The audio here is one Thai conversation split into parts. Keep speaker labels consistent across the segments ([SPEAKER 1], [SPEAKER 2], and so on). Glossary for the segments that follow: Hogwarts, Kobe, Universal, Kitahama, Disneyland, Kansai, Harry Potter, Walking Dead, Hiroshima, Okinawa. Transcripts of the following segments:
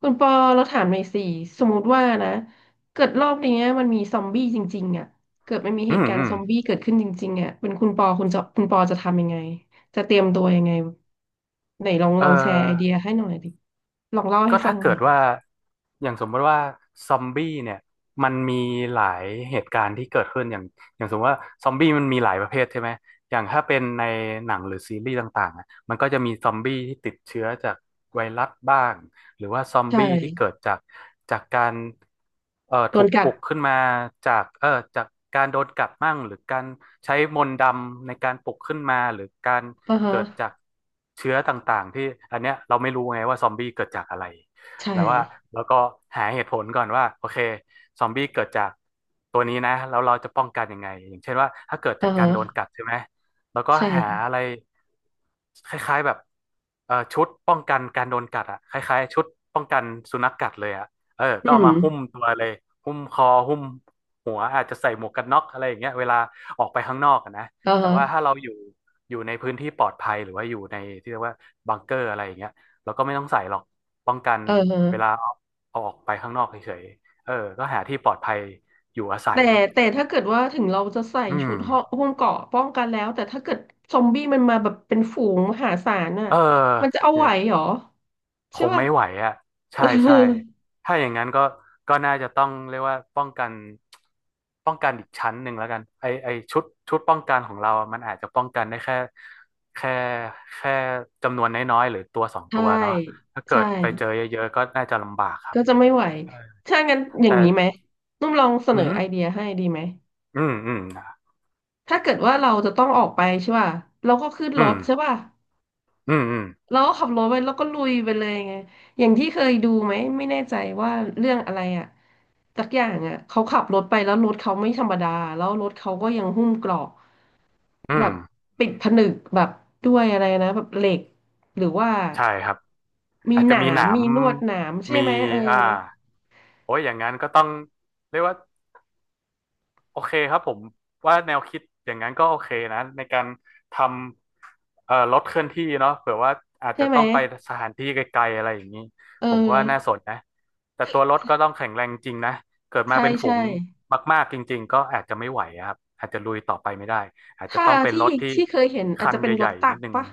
[SPEAKER 1] คุณปอเราถามหน่อยสิสมมติว่านะเกิดรอบเนี้ยมันมีซอมบี้จริงๆอ่ะเกิดมันมีเห
[SPEAKER 2] อื
[SPEAKER 1] ตุ
[SPEAKER 2] ม
[SPEAKER 1] การ
[SPEAKER 2] อื
[SPEAKER 1] ณ์ซ
[SPEAKER 2] ม
[SPEAKER 1] อมบี้เกิดขึ้นจริงๆอ่ะเป็นคุณปอจะทำยังไงจะเตรียมตัวยังไงไหนลอง
[SPEAKER 2] เออ
[SPEAKER 1] ลองแชร์ไอเดียให้หน่อยดิลองเล่าให้
[SPEAKER 2] ก็
[SPEAKER 1] ฟัง
[SPEAKER 2] ถ้า
[SPEAKER 1] ห
[SPEAKER 2] เกิ
[SPEAKER 1] น่อ
[SPEAKER 2] ด
[SPEAKER 1] ย
[SPEAKER 2] ว่าอย่างสมมติว่าซอมบี้เนี่ยมันมีหลายเหตุการณ์ที่เกิดขึ้นอย่างอย่างสมมติว่าซอมบี้มันมีหลายประเภทใช่ไหมอย่างถ้าเป็นในหนังหรือซีรีส์ต่างๆอะมันก็จะมีซอมบี้ที่ติดเชื้อจากไวรัสบ้าง หรือว่าซอม
[SPEAKER 1] ใช่
[SPEAKER 2] บี้ที่เกิดจากจากการ
[SPEAKER 1] โด
[SPEAKER 2] ถู
[SPEAKER 1] น
[SPEAKER 2] ก
[SPEAKER 1] กั
[SPEAKER 2] ป
[SPEAKER 1] ด
[SPEAKER 2] ลุกขึ้นมาจากจากการโดนกัดมั่งหรือการใช้มนต์ดำในการปลุกขึ้นมาหรือการ
[SPEAKER 1] อ่าฮะ
[SPEAKER 2] เกิดจากเชื้อต่างๆที่อันเนี้ยเราไม่รู้ไงว่าซอมบี้เกิดจากอะไร
[SPEAKER 1] ใช่
[SPEAKER 2] แต่ว่าแล้วก็หาเหตุผลก่อนว่าโอเคซอมบี้เกิดจากตัวนี้นะแล้วเราจะป้องกันยังไงอย่างเช่นว่าถ้าเกิด
[SPEAKER 1] อ่า
[SPEAKER 2] จากการโดนกั
[SPEAKER 1] ฮะ
[SPEAKER 2] ดใช่ไหม แล้วก็หา
[SPEAKER 1] ใช่
[SPEAKER 2] อะไรคล้ายๆแบบชุดป้องกันการโดนกัดอ่ะคล้ายๆชุดป้องกันสุนัขกัดเลยอ่ะเออ
[SPEAKER 1] อื
[SPEAKER 2] ก็เอามา
[SPEAKER 1] ม
[SPEAKER 2] หุ้มตัวเลยหุ้มคอหุ้มหัวอาจจะใส่หมวกกันน็อกอะไรอย่างเงี้ยเวลาออกไปข้างนอกอะนะ
[SPEAKER 1] อ่า
[SPEAKER 2] แต่
[SPEAKER 1] ฮะ
[SPEAKER 2] ว่าถ้าเราอยู่อยู่ในพื้นที่ปลอดภัยหรือว่าอยู่ในที่เรียกว่าบังเกอร์อะไรอย่างเงี้ยเราก็ไม่ต้องใส่หรอกป้องกัน
[SPEAKER 1] เอ
[SPEAKER 2] เวลา
[SPEAKER 1] อ
[SPEAKER 2] เอาเอาออกไปข้างนอกเฉยๆเออก็หาที่ปลอดภัยอยู่อาศั
[SPEAKER 1] แต่
[SPEAKER 2] ย
[SPEAKER 1] แต่ถ้าเกิดว่าถึงเราจะใส่
[SPEAKER 2] อื
[SPEAKER 1] ชุ
[SPEAKER 2] ม
[SPEAKER 1] ดห่อหุ้มเกราะป้องกันแล้วแต่ถ้าเกิดซอมบี้มันมาแบบเป็นฝูงมหาศาลน่ะ
[SPEAKER 2] เออ
[SPEAKER 1] มันจะเอา
[SPEAKER 2] เนี่
[SPEAKER 1] ไหว
[SPEAKER 2] ย
[SPEAKER 1] เหรอ
[SPEAKER 2] ค
[SPEAKER 1] ใช่
[SPEAKER 2] ง
[SPEAKER 1] ป่ะ
[SPEAKER 2] ไม่ไหวอ่ะ
[SPEAKER 1] เอ
[SPEAKER 2] ใช่
[SPEAKER 1] อ
[SPEAKER 2] ใช่ถ้าอย่างนั้นก็ก็น่าจะต้องเรียกว่าป้องกันป้องกันอีกชั้นหนึ่งแล้วกันไอไอชุดชุดป้องกันของเราอะมันอาจจะป้องกันได้แค่แค่แค่จำนวนน้อยๆหรือตัวสอง
[SPEAKER 1] ใช่
[SPEAKER 2] ตัวเนาะถ้าเกิ
[SPEAKER 1] ใช่
[SPEAKER 2] ดไปเจอเยอะๆก็น่าจะลำบากครับ
[SPEAKER 1] ก็จะไม่ไหวถ้างั้นอย่า
[SPEAKER 2] แต่
[SPEAKER 1] งนี้ไหมนุ่มลองเสน
[SPEAKER 2] อื
[SPEAKER 1] อ
[SPEAKER 2] ม
[SPEAKER 1] ไอเดียให้ดีไหม
[SPEAKER 2] อืมอืม
[SPEAKER 1] ถ้าเกิดว่าเราจะต้องออกไปใช่ป่ะเราก็ขึ้น
[SPEAKER 2] อื
[SPEAKER 1] ร
[SPEAKER 2] ม
[SPEAKER 1] ถใช่ป่ะ
[SPEAKER 2] อืมอืม
[SPEAKER 1] เราก็ขับรถไปแล้วก็ลุยไปเลยไงอย่างที่เคยดูไหมไม่แน่ใจว่าเรื่องอะไรอ่ะสักอย่างอ่ะเขาขับรถไปแล้วรถเขาไม่ธรรมดาแล้วรถเขาก็ยังหุ้มเกราะ
[SPEAKER 2] อื
[SPEAKER 1] แบ
[SPEAKER 2] ม
[SPEAKER 1] บปิดผนึกแบบด้วยอะไรนะแบบเหล็กหรือว่า
[SPEAKER 2] ใช่ครับ
[SPEAKER 1] มี
[SPEAKER 2] อาจ
[SPEAKER 1] ห
[SPEAKER 2] จะมี
[SPEAKER 1] นา
[SPEAKER 2] ห
[SPEAKER 1] ม
[SPEAKER 2] นาม
[SPEAKER 1] มีลวดหนามใช่
[SPEAKER 2] มี
[SPEAKER 1] ไหมเอ
[SPEAKER 2] อ่า
[SPEAKER 1] อ
[SPEAKER 2] โอ้ยอย่างนั้นก็ต้องเรียกว่า โอเคครับผมว่าแนวคิดอย่างนั้นก็โอเคนะในการทำรถเคลื่อนที่เนาะเผื่อว่าอาจ
[SPEAKER 1] ใช่
[SPEAKER 2] จะ
[SPEAKER 1] ไหม
[SPEAKER 2] ต้องไปสถานที่ไกลๆอะไรอย่างนี้
[SPEAKER 1] เอ
[SPEAKER 2] ผมก็ว่าน่าส
[SPEAKER 1] อ
[SPEAKER 2] นนะแต่ตัวรถก็ต้องแข็งแรงจริงนะเกิดมา
[SPEAKER 1] ใช่
[SPEAKER 2] เป็นฝู
[SPEAKER 1] ใช่
[SPEAKER 2] งมากๆจริงๆก็อาจจะไม่ไหวอะครับอาจจะลุยต่อไปไม่ได้อาจจะ
[SPEAKER 1] ถ้า
[SPEAKER 2] ต้องเป็น
[SPEAKER 1] ที่
[SPEAKER 2] รถที่
[SPEAKER 1] ที่เคยเห็นอาจ
[SPEAKER 2] คัน
[SPEAKER 1] จะเป็นร
[SPEAKER 2] ให
[SPEAKER 1] ถ
[SPEAKER 2] ญ่
[SPEAKER 1] ตั
[SPEAKER 2] ๆนิ
[SPEAKER 1] ก
[SPEAKER 2] ดนึง
[SPEAKER 1] ปะ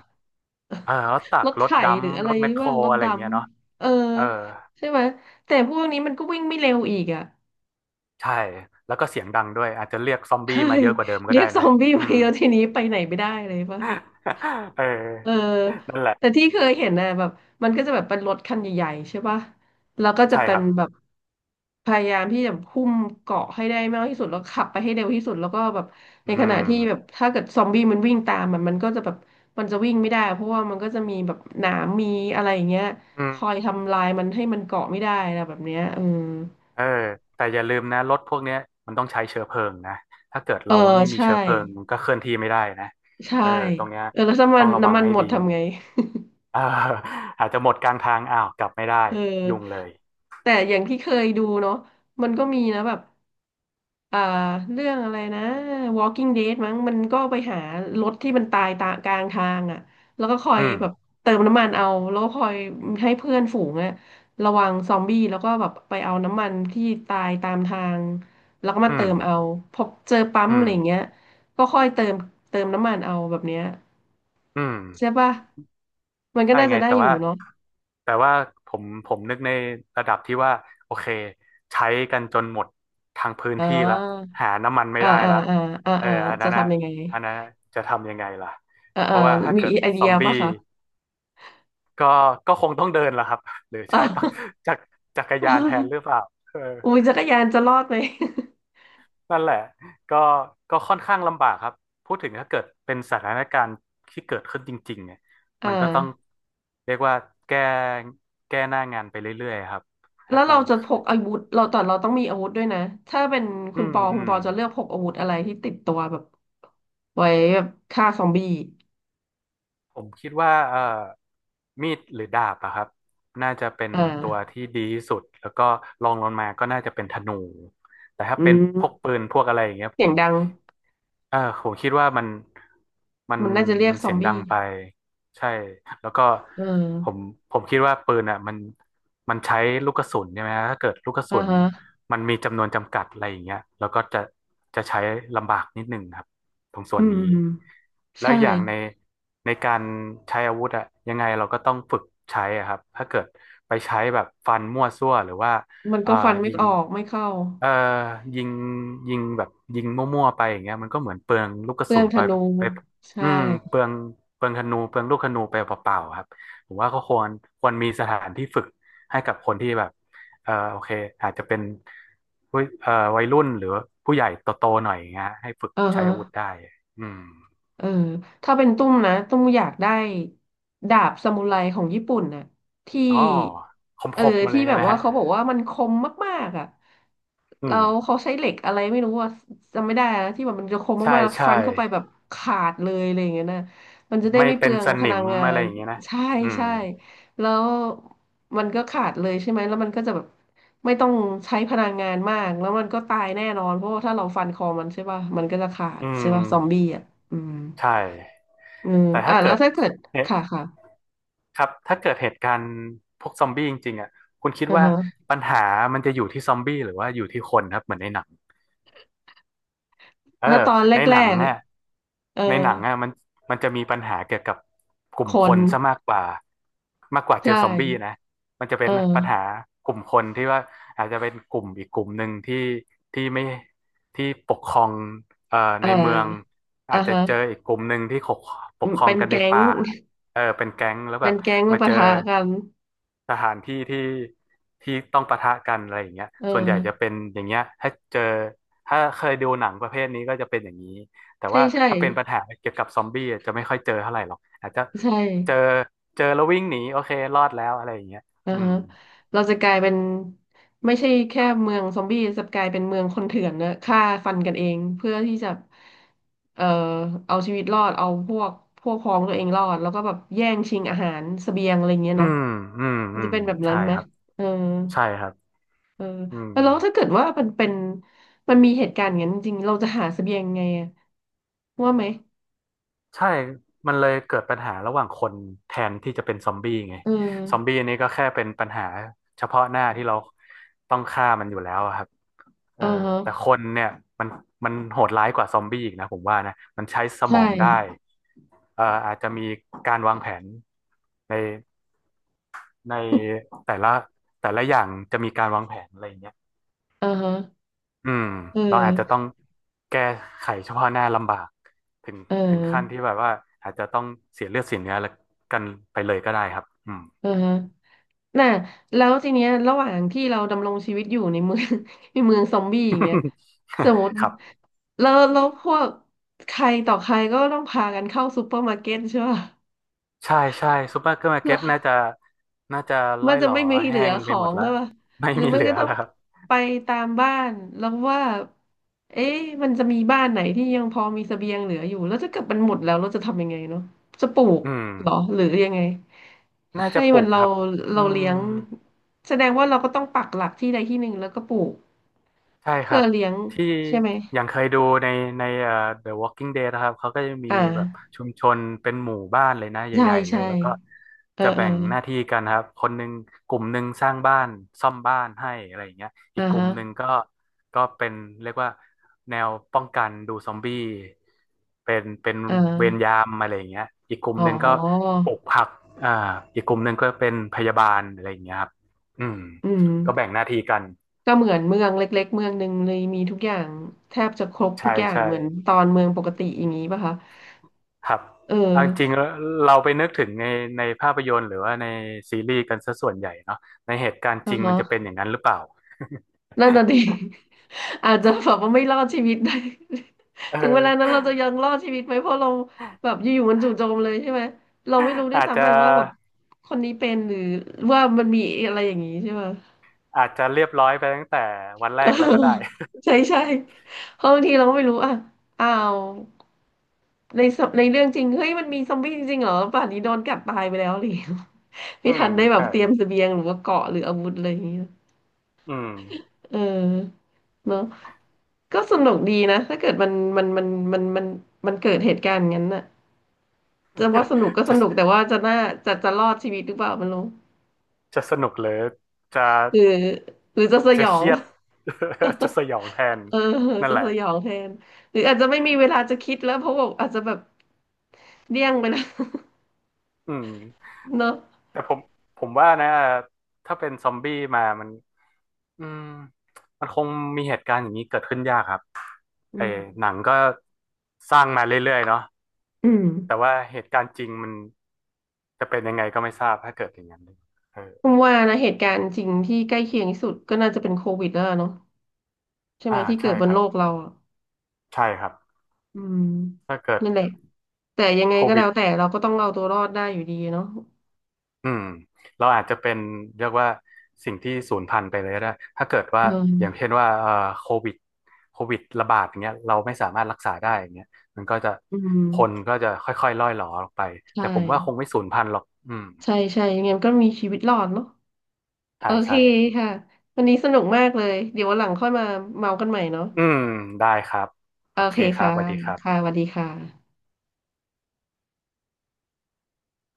[SPEAKER 2] เออรถตั
[SPEAKER 1] ร
[SPEAKER 2] ก
[SPEAKER 1] ถ
[SPEAKER 2] ร
[SPEAKER 1] ไถ
[SPEAKER 2] ถดัม
[SPEAKER 1] หรืออะ
[SPEAKER 2] ร
[SPEAKER 1] ไร
[SPEAKER 2] ถแมคโคร
[SPEAKER 1] ว่ารถ
[SPEAKER 2] อะไร
[SPEAKER 1] ด
[SPEAKER 2] อย่างเงี้ยเนาะ
[SPEAKER 1] ำ เออ
[SPEAKER 2] เออ
[SPEAKER 1] ใช่ไหมแต่พวกนี้มันก็วิ่งไม่เร็วอีกอ่ะ
[SPEAKER 2] ใช่แล้วก็เสียงดังด้วยอาจจะเรียกซอม บี้
[SPEAKER 1] ใช่
[SPEAKER 2] มาเยอะกว่าเดิมก็
[SPEAKER 1] เรีย
[SPEAKER 2] ได้
[SPEAKER 1] กซอ
[SPEAKER 2] นะ
[SPEAKER 1] มบี้
[SPEAKER 2] อื
[SPEAKER 1] มา
[SPEAKER 2] ม
[SPEAKER 1] เยอะทีนี้ไปไหนไม่ได้เลยปะ
[SPEAKER 2] เอ
[SPEAKER 1] เออ
[SPEAKER 2] อนั่นแหละ
[SPEAKER 1] แต่ที่เคยเห็นนะแบบมันก็จะแบบเป็นรถคันใหญ่ๆใช่ป่ะแล้วก็จะ
[SPEAKER 2] ใช่
[SPEAKER 1] เป็
[SPEAKER 2] ค
[SPEAKER 1] น
[SPEAKER 2] รับ
[SPEAKER 1] แบบพยายามที่จะหุ้มเกาะให้ได้มากที่สุดแล้วขับไปให้เร็วที่สุดแล้วก็แบบใน
[SPEAKER 2] อื
[SPEAKER 1] ขณะที่แบบ
[SPEAKER 2] ม
[SPEAKER 1] ถ้าเกิดซอมบี้มันวิ่งตามมันก็จะแบบมันจะวิ่งไม่ได้เพราะว่ามันก็จะมีแบบหนามมีอะไรอย่างเงี้ย
[SPEAKER 2] อื
[SPEAKER 1] ค
[SPEAKER 2] ม
[SPEAKER 1] อยทำลายมันให้มันเกาะไม่ได้นะแบบเนี้ยเออ
[SPEAKER 2] เออแต่อย่าลืมนะรถพวกเนี้ยมันต้องใช้เชื้อเพลิงนะ ถ้าเกิด
[SPEAKER 1] เออ
[SPEAKER 2] เราไม่มี
[SPEAKER 1] ใช่
[SPEAKER 2] เชื้อเพลิงมันก็เคลื่อนที่ไม่ได้นะ
[SPEAKER 1] ใช่
[SPEAKER 2] เออตรงเนี้ย
[SPEAKER 1] เออแล้วถ้ามั
[SPEAKER 2] ต้อ
[SPEAKER 1] น
[SPEAKER 2] งระวั
[SPEAKER 1] น้ำ
[SPEAKER 2] ง
[SPEAKER 1] มัน
[SPEAKER 2] ให้
[SPEAKER 1] หมด
[SPEAKER 2] ดี
[SPEAKER 1] ทำไง
[SPEAKER 2] เอออาจจะหมดกลางทางอ้าวกลับไม่ได้
[SPEAKER 1] เออ
[SPEAKER 2] ยุ่งเลย
[SPEAKER 1] แต่อย่างที่เคยดูเนาะมันก็มีนะแบบ เอ่อเรื่องอะไรนะ Walking Dead มั้งมันก็ไปหารถที่มันตายตากลางทางอ่ะแล้วก็คอ
[SPEAKER 2] อื
[SPEAKER 1] ย
[SPEAKER 2] ม
[SPEAKER 1] แบบเติมน้ำมันเอาแล้วก็คอยให้เพื่อนฝูงอ่ะระวังซอมบี้แล้วก็แบบไปเอาน้ำมันที่ตายตามทางแล้วก็มา
[SPEAKER 2] อื
[SPEAKER 1] เติ
[SPEAKER 2] ม
[SPEAKER 1] มเอาพอเจอปั๊ม
[SPEAKER 2] อื
[SPEAKER 1] อะ
[SPEAKER 2] ม
[SPEAKER 1] ไรอย่างเงี้ยก็ค่อยเติมน้ำมันเอาแบบเนี้ย
[SPEAKER 2] อืม
[SPEAKER 1] ใช่ป่ะมันก็
[SPEAKER 2] ใช่
[SPEAKER 1] น่า
[SPEAKER 2] ไง
[SPEAKER 1] จะได้
[SPEAKER 2] แต่
[SPEAKER 1] อยู่
[SPEAKER 2] ว่า
[SPEAKER 1] เนาะ
[SPEAKER 2] แต่ว่าผมนึกในระดับที่ว่าโอเคใช้กันจนหมดทางพื้น
[SPEAKER 1] อ่
[SPEAKER 2] ที่ละ
[SPEAKER 1] า
[SPEAKER 2] หาน้ำมันไม่
[SPEAKER 1] อ่า
[SPEAKER 2] ได้
[SPEAKER 1] อ่า
[SPEAKER 2] ละ
[SPEAKER 1] อ่าอ่า
[SPEAKER 2] เออ
[SPEAKER 1] อ่า
[SPEAKER 2] อัน
[SPEAKER 1] จะ
[SPEAKER 2] นั้นอะ
[SPEAKER 1] ทำยังไง
[SPEAKER 2] อันนั้นน่ะจะทำยังไงล่ะ
[SPEAKER 1] เออ
[SPEAKER 2] เพ
[SPEAKER 1] เออ
[SPEAKER 2] ราะว่าถ้า
[SPEAKER 1] มี
[SPEAKER 2] เกิด
[SPEAKER 1] ไอเดี
[SPEAKER 2] ซอ
[SPEAKER 1] ย
[SPEAKER 2] มบี้
[SPEAKER 1] ป่ะคะ
[SPEAKER 2] ก็ก็คงต้องเดินล่ะครับหรือ
[SPEAKER 1] อ่า
[SPEAKER 2] ใช้ปักจักรจักรยานแทนหรื อเปล่าเออ
[SPEAKER 1] อุ้ยจักรยานจะรอดไหม
[SPEAKER 2] นั่นแหละก็ก็ค่อนข้างลำบากครับพูดถึงถ้าเกิดเป็นสถานการณ์ที่เกิดขึ้นจริงๆเนี่ย
[SPEAKER 1] อ่
[SPEAKER 2] มันก็ต้อง
[SPEAKER 1] า
[SPEAKER 2] เรียกว่าแก้แก้หน้างานไปเรื่อยๆครับ
[SPEAKER 1] แล้
[SPEAKER 2] ถ้า
[SPEAKER 1] ว
[SPEAKER 2] มี
[SPEAKER 1] เราจะพกอาวุธเราแต่เราต้องมีอาวุธด้วยนะ ถ้าเป็น
[SPEAKER 2] อื
[SPEAKER 1] คุณ
[SPEAKER 2] ม
[SPEAKER 1] ปอ
[SPEAKER 2] อื
[SPEAKER 1] คุณ
[SPEAKER 2] ม
[SPEAKER 1] ปอจะเลือกพกอาวุธอะไรที่ติดตัวแบบไว้แบบฆ่าซอมบี้
[SPEAKER 2] ผมคิดว่ามีดหรือดาบอะครับน่าจะเป็น
[SPEAKER 1] อ่
[SPEAKER 2] ตัว
[SPEAKER 1] า
[SPEAKER 2] ที่ดีที่สุดแล้วก็รองลงมาก็น่าจะเป็นธนูแต่ถ้า
[SPEAKER 1] อื
[SPEAKER 2] เป็นพวกปื
[SPEAKER 1] ม
[SPEAKER 2] นพวกอะไรอย่างเงี้ยผ
[SPEAKER 1] เสีย
[SPEAKER 2] ม
[SPEAKER 1] งดัง
[SPEAKER 2] อ่าผมคิดว่ามันมัน
[SPEAKER 1] มันน่าจะเรียก
[SPEAKER 2] มัน
[SPEAKER 1] ซอ
[SPEAKER 2] เสี
[SPEAKER 1] ม
[SPEAKER 2] ยงดั
[SPEAKER 1] บี้
[SPEAKER 2] งไปใช่แล้วก็
[SPEAKER 1] เอ
[SPEAKER 2] ผม
[SPEAKER 1] อ
[SPEAKER 2] ผมคิดว่าปืนอ่ะมันมันใช้ลูกกระสุนใช่ไหมฮะถ้าเกิดลูกกระ
[SPEAKER 1] อ่า
[SPEAKER 2] สุน
[SPEAKER 1] ฮะ
[SPEAKER 2] มันมีจำนวนจำกัดอะไรอย่างเงี้ยแล้วก็จะจะใช้ลำบากนิดหนึ่งครับตรงส่
[SPEAKER 1] อื
[SPEAKER 2] วนนี้
[SPEAKER 1] ม
[SPEAKER 2] แล้ว
[SPEAKER 1] ใช่
[SPEAKER 2] อย่างในในการใช้อาวุธอ่ะยังไงเราก็ต้องฝึกใช้อะครับถ้าเกิดไปใช้แบบฟันมั่วซั่วหรือว่า
[SPEAKER 1] มัน
[SPEAKER 2] เอ่อ
[SPEAKER 1] ก็ฟันไม่
[SPEAKER 2] ยิง
[SPEAKER 1] ออกไม่เข้า
[SPEAKER 2] เอ่อยิงยิงแบบยิงมั่วๆไปอย่างเงี้ยมันก็เหมือนเปลืองลูกก
[SPEAKER 1] เป
[SPEAKER 2] ระ
[SPEAKER 1] ลื
[SPEAKER 2] สุ
[SPEAKER 1] อง
[SPEAKER 2] น
[SPEAKER 1] ธ
[SPEAKER 2] ไป
[SPEAKER 1] นู
[SPEAKER 2] ไป
[SPEAKER 1] ใช่
[SPEAKER 2] อืมเปลืองเปลืองธนูเปลืองลูกธนูไปเปล่าๆครับผมว่าก็ควรควรมีสถานที่ฝึกให้กับคนที่แบบโอเคอาจจะเป็นผู้วัยรุ่นหรือผู้ใหญ่โตๆหน่อยอย่างเงี้ยให้ฝึก
[SPEAKER 1] อ่า
[SPEAKER 2] ใช้
[SPEAKER 1] ฮะ
[SPEAKER 2] อาวุธได้อืม
[SPEAKER 1] เออถ้าเป็นตุ้มนะตุ้มอยากได้ดาบซามูไรของญี่ปุ่นน่ะที่
[SPEAKER 2] อ๋อค
[SPEAKER 1] เออ
[SPEAKER 2] มๆมาเล
[SPEAKER 1] ที่
[SPEAKER 2] ยใช่
[SPEAKER 1] แบบ
[SPEAKER 2] ไหม
[SPEAKER 1] ว่า
[SPEAKER 2] ฮะ
[SPEAKER 1] เขาบอกว่ามันคมมากๆอ่ะ
[SPEAKER 2] อื
[SPEAKER 1] เรา
[SPEAKER 2] ม
[SPEAKER 1] เขาใช้เหล็กอะไรไม่รู้ว่าจำไม่ได้นะที่แบบมันจะคม
[SPEAKER 2] ใช่
[SPEAKER 1] มากๆ
[SPEAKER 2] ใช่
[SPEAKER 1] ฟันเข้าไปแบบขาดเลยอะไรอย่างเงี้ยนะมันจะได้
[SPEAKER 2] ไม่
[SPEAKER 1] ไม่เป
[SPEAKER 2] เป็
[SPEAKER 1] ลื
[SPEAKER 2] น
[SPEAKER 1] อง
[SPEAKER 2] ส
[SPEAKER 1] พ
[SPEAKER 2] นิ
[SPEAKER 1] ลั
[SPEAKER 2] ม
[SPEAKER 1] งงา
[SPEAKER 2] อะไร
[SPEAKER 1] น
[SPEAKER 2] อย่างเงี้ยนะ
[SPEAKER 1] ใช่
[SPEAKER 2] อืม
[SPEAKER 1] ใช่แล้วมันก็ขาดเลยใช่ไหมแล้วมันก็จะแบบไม่ต้องใช้พลังงานมากแล้วมันก็ตายแน่นอนเพราะว่าถ้าเราฟันคอมันใช่ป่ะมันก็จะขาด
[SPEAKER 2] อื
[SPEAKER 1] ใช่
[SPEAKER 2] ม
[SPEAKER 1] ป่ะซอมบี้อ่ะ อืม
[SPEAKER 2] ใช่
[SPEAKER 1] อืม
[SPEAKER 2] แต่
[SPEAKER 1] อ่ะ
[SPEAKER 2] ถ้า
[SPEAKER 1] แล้
[SPEAKER 2] เกิ
[SPEAKER 1] ว
[SPEAKER 2] ด
[SPEAKER 1] ถ้าเกิด
[SPEAKER 2] เนี่ย
[SPEAKER 1] ค่ะค่ะ
[SPEAKER 2] ครับถ้าเกิดเหตุการณ์พวกซอมบี้จริงๆอ่ะคุณคิด
[SPEAKER 1] อือ
[SPEAKER 2] ว่า
[SPEAKER 1] ฮะ
[SPEAKER 2] ปัญหามันจะอยู่ที่ซอมบี้หรือว่าอยู่ที่คนครับเหมือนในหนัง เออ
[SPEAKER 1] ถ้าตอนแร
[SPEAKER 2] ในหนัง
[SPEAKER 1] ก
[SPEAKER 2] เนี่ย
[SPEAKER 1] ๆเออ
[SPEAKER 2] ในหนังอ่ะมันจะมีปัญหาเกี่ยวกับกลุ่
[SPEAKER 1] ค
[SPEAKER 2] มค
[SPEAKER 1] น
[SPEAKER 2] นซะมากกว่ามากกว่าเจ
[SPEAKER 1] ใช่
[SPEAKER 2] อซอมบี้นะมันจะ
[SPEAKER 1] เ
[SPEAKER 2] เป็นปัญหา
[SPEAKER 1] ออ
[SPEAKER 2] กลุ่มคนที่ว่าอาจจะเป็นกลุ่มอีกกลุ่มหนึ่งที่ไม่ที่ปกครองเอ่อ
[SPEAKER 1] เอ
[SPEAKER 2] ในเมือง
[SPEAKER 1] ออ่า
[SPEAKER 2] อาจจะ
[SPEAKER 1] ฮะ
[SPEAKER 2] เจออีกกลุ่มหนึ่งที่ป
[SPEAKER 1] อื
[SPEAKER 2] ก
[SPEAKER 1] ม
[SPEAKER 2] ครอ
[SPEAKER 1] เป็
[SPEAKER 2] ง
[SPEAKER 1] น
[SPEAKER 2] กันใน
[SPEAKER 1] แก๊ง
[SPEAKER 2] ป่าเออเป็นแก๊งแล้ว แบ
[SPEAKER 1] เป็น
[SPEAKER 2] บ
[SPEAKER 1] แก๊งมา
[SPEAKER 2] มาเจ
[SPEAKER 1] ปะ
[SPEAKER 2] อ
[SPEAKER 1] ทะกัน
[SPEAKER 2] สถานที่ที่ต้องปะทะกันอะไรอย่างเงี้ย
[SPEAKER 1] เ
[SPEAKER 2] ส่วนใหญ่จะ
[SPEAKER 1] ออ
[SPEAKER 2] เป็นอย่างเงี้ยถ้าเจอถ้าเคยดูหนังประเภทนี้ก็จะเป็นอย่างนี้แต่
[SPEAKER 1] ใช่
[SPEAKER 2] ว่า
[SPEAKER 1] ใช่
[SPEAKER 2] ถ้าเป็นปัญหาเกี่ยวกับซอมบี้อะจะไม่ค่อยเจอเท่าไหร่หรอกอาจจะ
[SPEAKER 1] ใช่
[SPEAKER 2] เจอเจอแล้ววิ่งหนีโอเครอดแล้วอะไรอย่างเงี้ย
[SPEAKER 1] อ่า
[SPEAKER 2] อืม
[SPEAKER 1] ฮะเราจะกลายเป็นไม่ใช่แค่เมืองซอมบี้จะกลายเป็นเมืองคนเถื่อนนะฆ่าฟันกันเองเพื่อที่จะเอ่อเอาชีวิตรอดเอาพวกพ้องตัวเองรอดแล้วก็แบบแย่งชิงอาหารเสบียงอะไรเงี้ย
[SPEAKER 2] อื
[SPEAKER 1] เนาะ
[SPEAKER 2] มอืม
[SPEAKER 1] มั
[SPEAKER 2] อื
[SPEAKER 1] นจะ
[SPEAKER 2] ม
[SPEAKER 1] เป็นแบบนั้
[SPEAKER 2] ใช่
[SPEAKER 1] นไหม
[SPEAKER 2] ครับ
[SPEAKER 1] เออ
[SPEAKER 2] ใช่ครับ
[SPEAKER 1] เออ
[SPEAKER 2] อืม
[SPEAKER 1] แล้วถ้าเกิดว่ามันเป็น มันมีเหตุการณ์อย่างนั้นจริงๆเราจะหาเสบียงไงอะว่าไหม
[SPEAKER 2] ใช่มันเลยเกิดปัญหาระหว่างคนแทนที่จะเป็นซอมบี้ไง
[SPEAKER 1] เออ
[SPEAKER 2] ซอมบี้นี่ก็แค่เป็นปัญหาเฉพาะหน้าที่เราต้องฆ่ามันอยู่แล้วอะครับ
[SPEAKER 1] เอ
[SPEAKER 2] เออ
[SPEAKER 1] อฮะ
[SPEAKER 2] แต่คนเนี่ยมันมันโหดร้ายกว่าซอมบี้อีกนะผมว่านะมันใช้สม
[SPEAKER 1] ใช่
[SPEAKER 2] องได้อาจจะมีการวางแผนในในแต่ละแต่ละอย่างจะมีการวางแผนอะไรอย่างเงี้ย
[SPEAKER 1] เออฮะ
[SPEAKER 2] อืม
[SPEAKER 1] เออ
[SPEAKER 2] เราอาจจะต้องแก้ไขเฉพาะหน้าลำบากถึง
[SPEAKER 1] เอ
[SPEAKER 2] ถึงขั้นที่
[SPEAKER 1] อ
[SPEAKER 2] แบบว่าอาจจะต้องเสียเลือดเสียเนื้อแล้วกันไปเลยก็ได้ครับอืม
[SPEAKER 1] เออฮะน่ะแล้วทีเนี้ยระหว่างที่เราดำรงชีวิตอยู่ในเมือง ในเมืองซอมบี้อย่างเงี้ย สมมติ
[SPEAKER 2] ครับ
[SPEAKER 1] แล้วพวกใครต่อใครก็ต้องพากันเข้าซูเปอร์มาร์เก็ตใช่ป่ะ
[SPEAKER 2] ใช่ใช่ซูเปอร์มาร์เก็
[SPEAKER 1] แล้
[SPEAKER 2] ต
[SPEAKER 1] ว
[SPEAKER 2] น่าจะ
[SPEAKER 1] มั
[SPEAKER 2] ร่อ
[SPEAKER 1] น
[SPEAKER 2] ย
[SPEAKER 1] จะ
[SPEAKER 2] หรอ
[SPEAKER 1] ไม่มีเหลื
[SPEAKER 2] แห้
[SPEAKER 1] อ
[SPEAKER 2] ง
[SPEAKER 1] ข
[SPEAKER 2] ไป
[SPEAKER 1] อ
[SPEAKER 2] หมด
[SPEAKER 1] ง
[SPEAKER 2] แล้ว
[SPEAKER 1] ใช่ป่ะ
[SPEAKER 2] ไม่
[SPEAKER 1] หรือ
[SPEAKER 2] มี
[SPEAKER 1] ไม่
[SPEAKER 2] เหลื
[SPEAKER 1] ก็
[SPEAKER 2] อ
[SPEAKER 1] ต้อง
[SPEAKER 2] แล้วครับ
[SPEAKER 1] ไปตามบ้านแล้วว่าเอ๊ะมันจะมีบ้านไหนที่ยังพอมีเสบียงเหลืออยู่แล้วถ้าเกิดมันหมดแล้วเราจะทำยังไงเนาะจะปลูก
[SPEAKER 2] อืม
[SPEAKER 1] เหรอหรือยังไง
[SPEAKER 2] น่าจะ
[SPEAKER 1] ให้
[SPEAKER 2] ปลู
[SPEAKER 1] มัน
[SPEAKER 2] กค
[SPEAKER 1] เรา
[SPEAKER 2] รับอื
[SPEAKER 1] เราเลี้ย
[SPEAKER 2] ม
[SPEAKER 1] งแสดงว่าเราก็ต้องปักหลักที่ใดที่หนึ่งแล้วก็ปลูก
[SPEAKER 2] ใช่ค
[SPEAKER 1] เพื่
[SPEAKER 2] รั
[SPEAKER 1] อ
[SPEAKER 2] บ
[SPEAKER 1] เลี้ยง
[SPEAKER 2] ที่
[SPEAKER 1] ใช่ไหม
[SPEAKER 2] อย่างเคยดูในThe Walking Dead นะครับเขาก็จะมี
[SPEAKER 1] อ่า
[SPEAKER 2] แบบชุมชนเป็นหมู่บ้านเลยนะ
[SPEAKER 1] ใช่
[SPEAKER 2] ใหญ่ๆเล
[SPEAKER 1] ใช่
[SPEAKER 2] ยแล้วก็
[SPEAKER 1] เออ
[SPEAKER 2] จะ
[SPEAKER 1] เอ
[SPEAKER 2] แบ่
[SPEAKER 1] อ
[SPEAKER 2] งหน้าที่กันครับคนหนึ่งกลุ่มหนึ่งสร้างบ้านซ่อมบ้านให้อะไรอย่างเงี้ยอี
[SPEAKER 1] อ่า
[SPEAKER 2] กกลุ่ม
[SPEAKER 1] ฮะ
[SPEAKER 2] หนึ่งก็เป็นเรียกว่าแนวป้องกันดูซอมบี้เป็น
[SPEAKER 1] อ่
[SPEAKER 2] เวร
[SPEAKER 1] า
[SPEAKER 2] ยามอะไรอย่างเงี้ยอีกกลุ่ม
[SPEAKER 1] อ๋อ
[SPEAKER 2] หนึ่งก็ปลูกผักอ่าอีกกลุ่มหนึ่งก็เป็นพยาบาลอะไรอย่างเงี้ยครับอืม
[SPEAKER 1] อืม
[SPEAKER 2] ก็แบ่งหน้าที่กัน
[SPEAKER 1] ก็เหมือนเมืองเล็กๆเมืองหนึ่งเลยมีทุกอย่างแทบจะครบทุ
[SPEAKER 2] ใช่
[SPEAKER 1] กอย่าง
[SPEAKER 2] ใช่
[SPEAKER 1] เหมือนตอนเมืองปกติอย่างนี้ป่ะคะ
[SPEAKER 2] ครับ
[SPEAKER 1] เอ
[SPEAKER 2] เอาจริง
[SPEAKER 1] อ
[SPEAKER 2] ๆแล้วเราไปนึกถึงในภาพยนตร์หรือว่าในซีรีส์กันซะส่วนใหญ่เนาะในเหตุการณ์จ
[SPEAKER 1] อ่า
[SPEAKER 2] ริงมั
[SPEAKER 1] ฮะ
[SPEAKER 2] นจะเป็นอย่างนั้นหรือเปล่า
[SPEAKER 1] นั่นน่ะดิ อาจจะแบบว่าไม่รอดชีวิตได้
[SPEAKER 2] เอ
[SPEAKER 1] ถึงเวลานั้นเรา
[SPEAKER 2] อ
[SPEAKER 1] จะยังรอดชีวิตไหมเพราะเราแบบอยู่ๆมันจู่โจมเลยใช่ไหมเราไม่รู้ด้วย
[SPEAKER 2] อาจ
[SPEAKER 1] ซ้ำ
[SPEAKER 2] จะ
[SPEAKER 1] ไปว่าแบบคนนี้เป็นหรือว่ามันมีอะไรอย่างนี้ใช่ไหม
[SPEAKER 2] อาจจะเรียบร้อยไปตั้งแต่วันแร
[SPEAKER 1] เออ
[SPEAKER 2] กแล้วก็ได้
[SPEAKER 1] ใช่ใช่เพราะบางทีเราก็ไม่รู้อ่ะอ้าว ในเรื่องจริงเฮ้ยมันมีซอมบี้จริงๆเหรอป่านนี้โดนกัดตายไปแล้วเลย
[SPEAKER 2] อื
[SPEAKER 1] ไม่ทั
[SPEAKER 2] ม
[SPEAKER 1] นได้แบบ
[SPEAKER 2] ใช่
[SPEAKER 1] เตรียมเสบียงหรือว่าเกราะหรืออาวุธอะไรอย่างเงี้ย
[SPEAKER 2] อืม
[SPEAKER 1] เออเนาะก็สนุกดีนะถ้าเกิดมันมันมันมันมันมันเกิดเหตุการณ์อย่างนั้นน่ะจะว่าสนุก ก็ส
[SPEAKER 2] จะ
[SPEAKER 1] นุกแต่ว่าจะน่าจะรอดชีวิตหรือเปล่าไม่รู้
[SPEAKER 2] จะสนุกหรือจะ
[SPEAKER 1] หรือจะส
[SPEAKER 2] จะ
[SPEAKER 1] ยอ
[SPEAKER 2] เค
[SPEAKER 1] ง
[SPEAKER 2] รียด จะสยองแทน
[SPEAKER 1] เออ
[SPEAKER 2] นั่น
[SPEAKER 1] จะ
[SPEAKER 2] แห
[SPEAKER 1] ส
[SPEAKER 2] ละ
[SPEAKER 1] ยองแทนหรืออาจจะไม่มีเวลาจะคิดแล้วเพราะว่าอาจจะแบบเดี้ยงไปแล้ว
[SPEAKER 2] อืม
[SPEAKER 1] เนาะ
[SPEAKER 2] แต่ผมว่านะถ้าเป็นซอมบี้มามันอืมมันคงมีเหตุการณ์อย่างนี้เกิดขึ้นยากครับ
[SPEAKER 1] อื
[SPEAKER 2] ไอ้
[SPEAKER 1] ม
[SPEAKER 2] หนังก็สร้างมาเรื่อยๆเนาะ
[SPEAKER 1] อืม
[SPEAKER 2] แต่ว่าเหตุการณ์จริงมันจะเป็นยังไงก็ไม่ทราบถ้าเกิดอย่างนั้นเออ
[SPEAKER 1] ผมว่านะเหตุการณ์จริงที่ใกล้เคียงที่สุดก็น่าจะเป็นโควิดแล้วล่ะเนาะใช่ไหม
[SPEAKER 2] อ่า
[SPEAKER 1] ที่เกิ
[SPEAKER 2] ใช่
[SPEAKER 1] ดบ
[SPEAKER 2] ค
[SPEAKER 1] น
[SPEAKER 2] รั
[SPEAKER 1] โล
[SPEAKER 2] บ
[SPEAKER 1] กเราอะ
[SPEAKER 2] ใช่ครับ
[SPEAKER 1] อืม
[SPEAKER 2] ถ้าเกิด
[SPEAKER 1] นั่นแหละแต่ยังไง
[SPEAKER 2] โค
[SPEAKER 1] ก็
[SPEAKER 2] วิ
[SPEAKER 1] แล้
[SPEAKER 2] ด
[SPEAKER 1] วแต่เราก็ต้องเอาตัวรอดได้อยู่ดีเนาะ
[SPEAKER 2] อืมเราอาจจะเป็นเรียกว่าสิ่งที่สูญพันธุ์ไปเลยก็ได้ถ้าเกิดว่าอย่า
[SPEAKER 1] เอ
[SPEAKER 2] ง
[SPEAKER 1] อ
[SPEAKER 2] เช่นว่าโควิดโควิดระบาดอย่างเงี้ยเราไม่สามารถรักษาได้อย่างเงี้ยมันก็จะ
[SPEAKER 1] อื
[SPEAKER 2] คน
[SPEAKER 1] ม
[SPEAKER 2] ก็จะค่อยๆล่อยหลอออกไป
[SPEAKER 1] ใช่
[SPEAKER 2] แต่ผมว่าคงไม่สูญพันธุ์หรอกอืม
[SPEAKER 1] ใช่ใช่ยังไงมันก็มีชีวิตรอดเนาะโอ
[SPEAKER 2] ใช่
[SPEAKER 1] เค
[SPEAKER 2] ใช่
[SPEAKER 1] ค่ะวันนี้สนุกมากเลยเดี๋ยววันหลังค่อยมาเมากันใหม่เนาะ
[SPEAKER 2] อืมได้ครับโอ
[SPEAKER 1] โอ
[SPEAKER 2] เค
[SPEAKER 1] เค
[SPEAKER 2] ครับ
[SPEAKER 1] ค่ะ
[SPEAKER 2] สวัสดีครั
[SPEAKER 1] ค่ะ
[SPEAKER 2] บ
[SPEAKER 1] สวัสดีค่ะ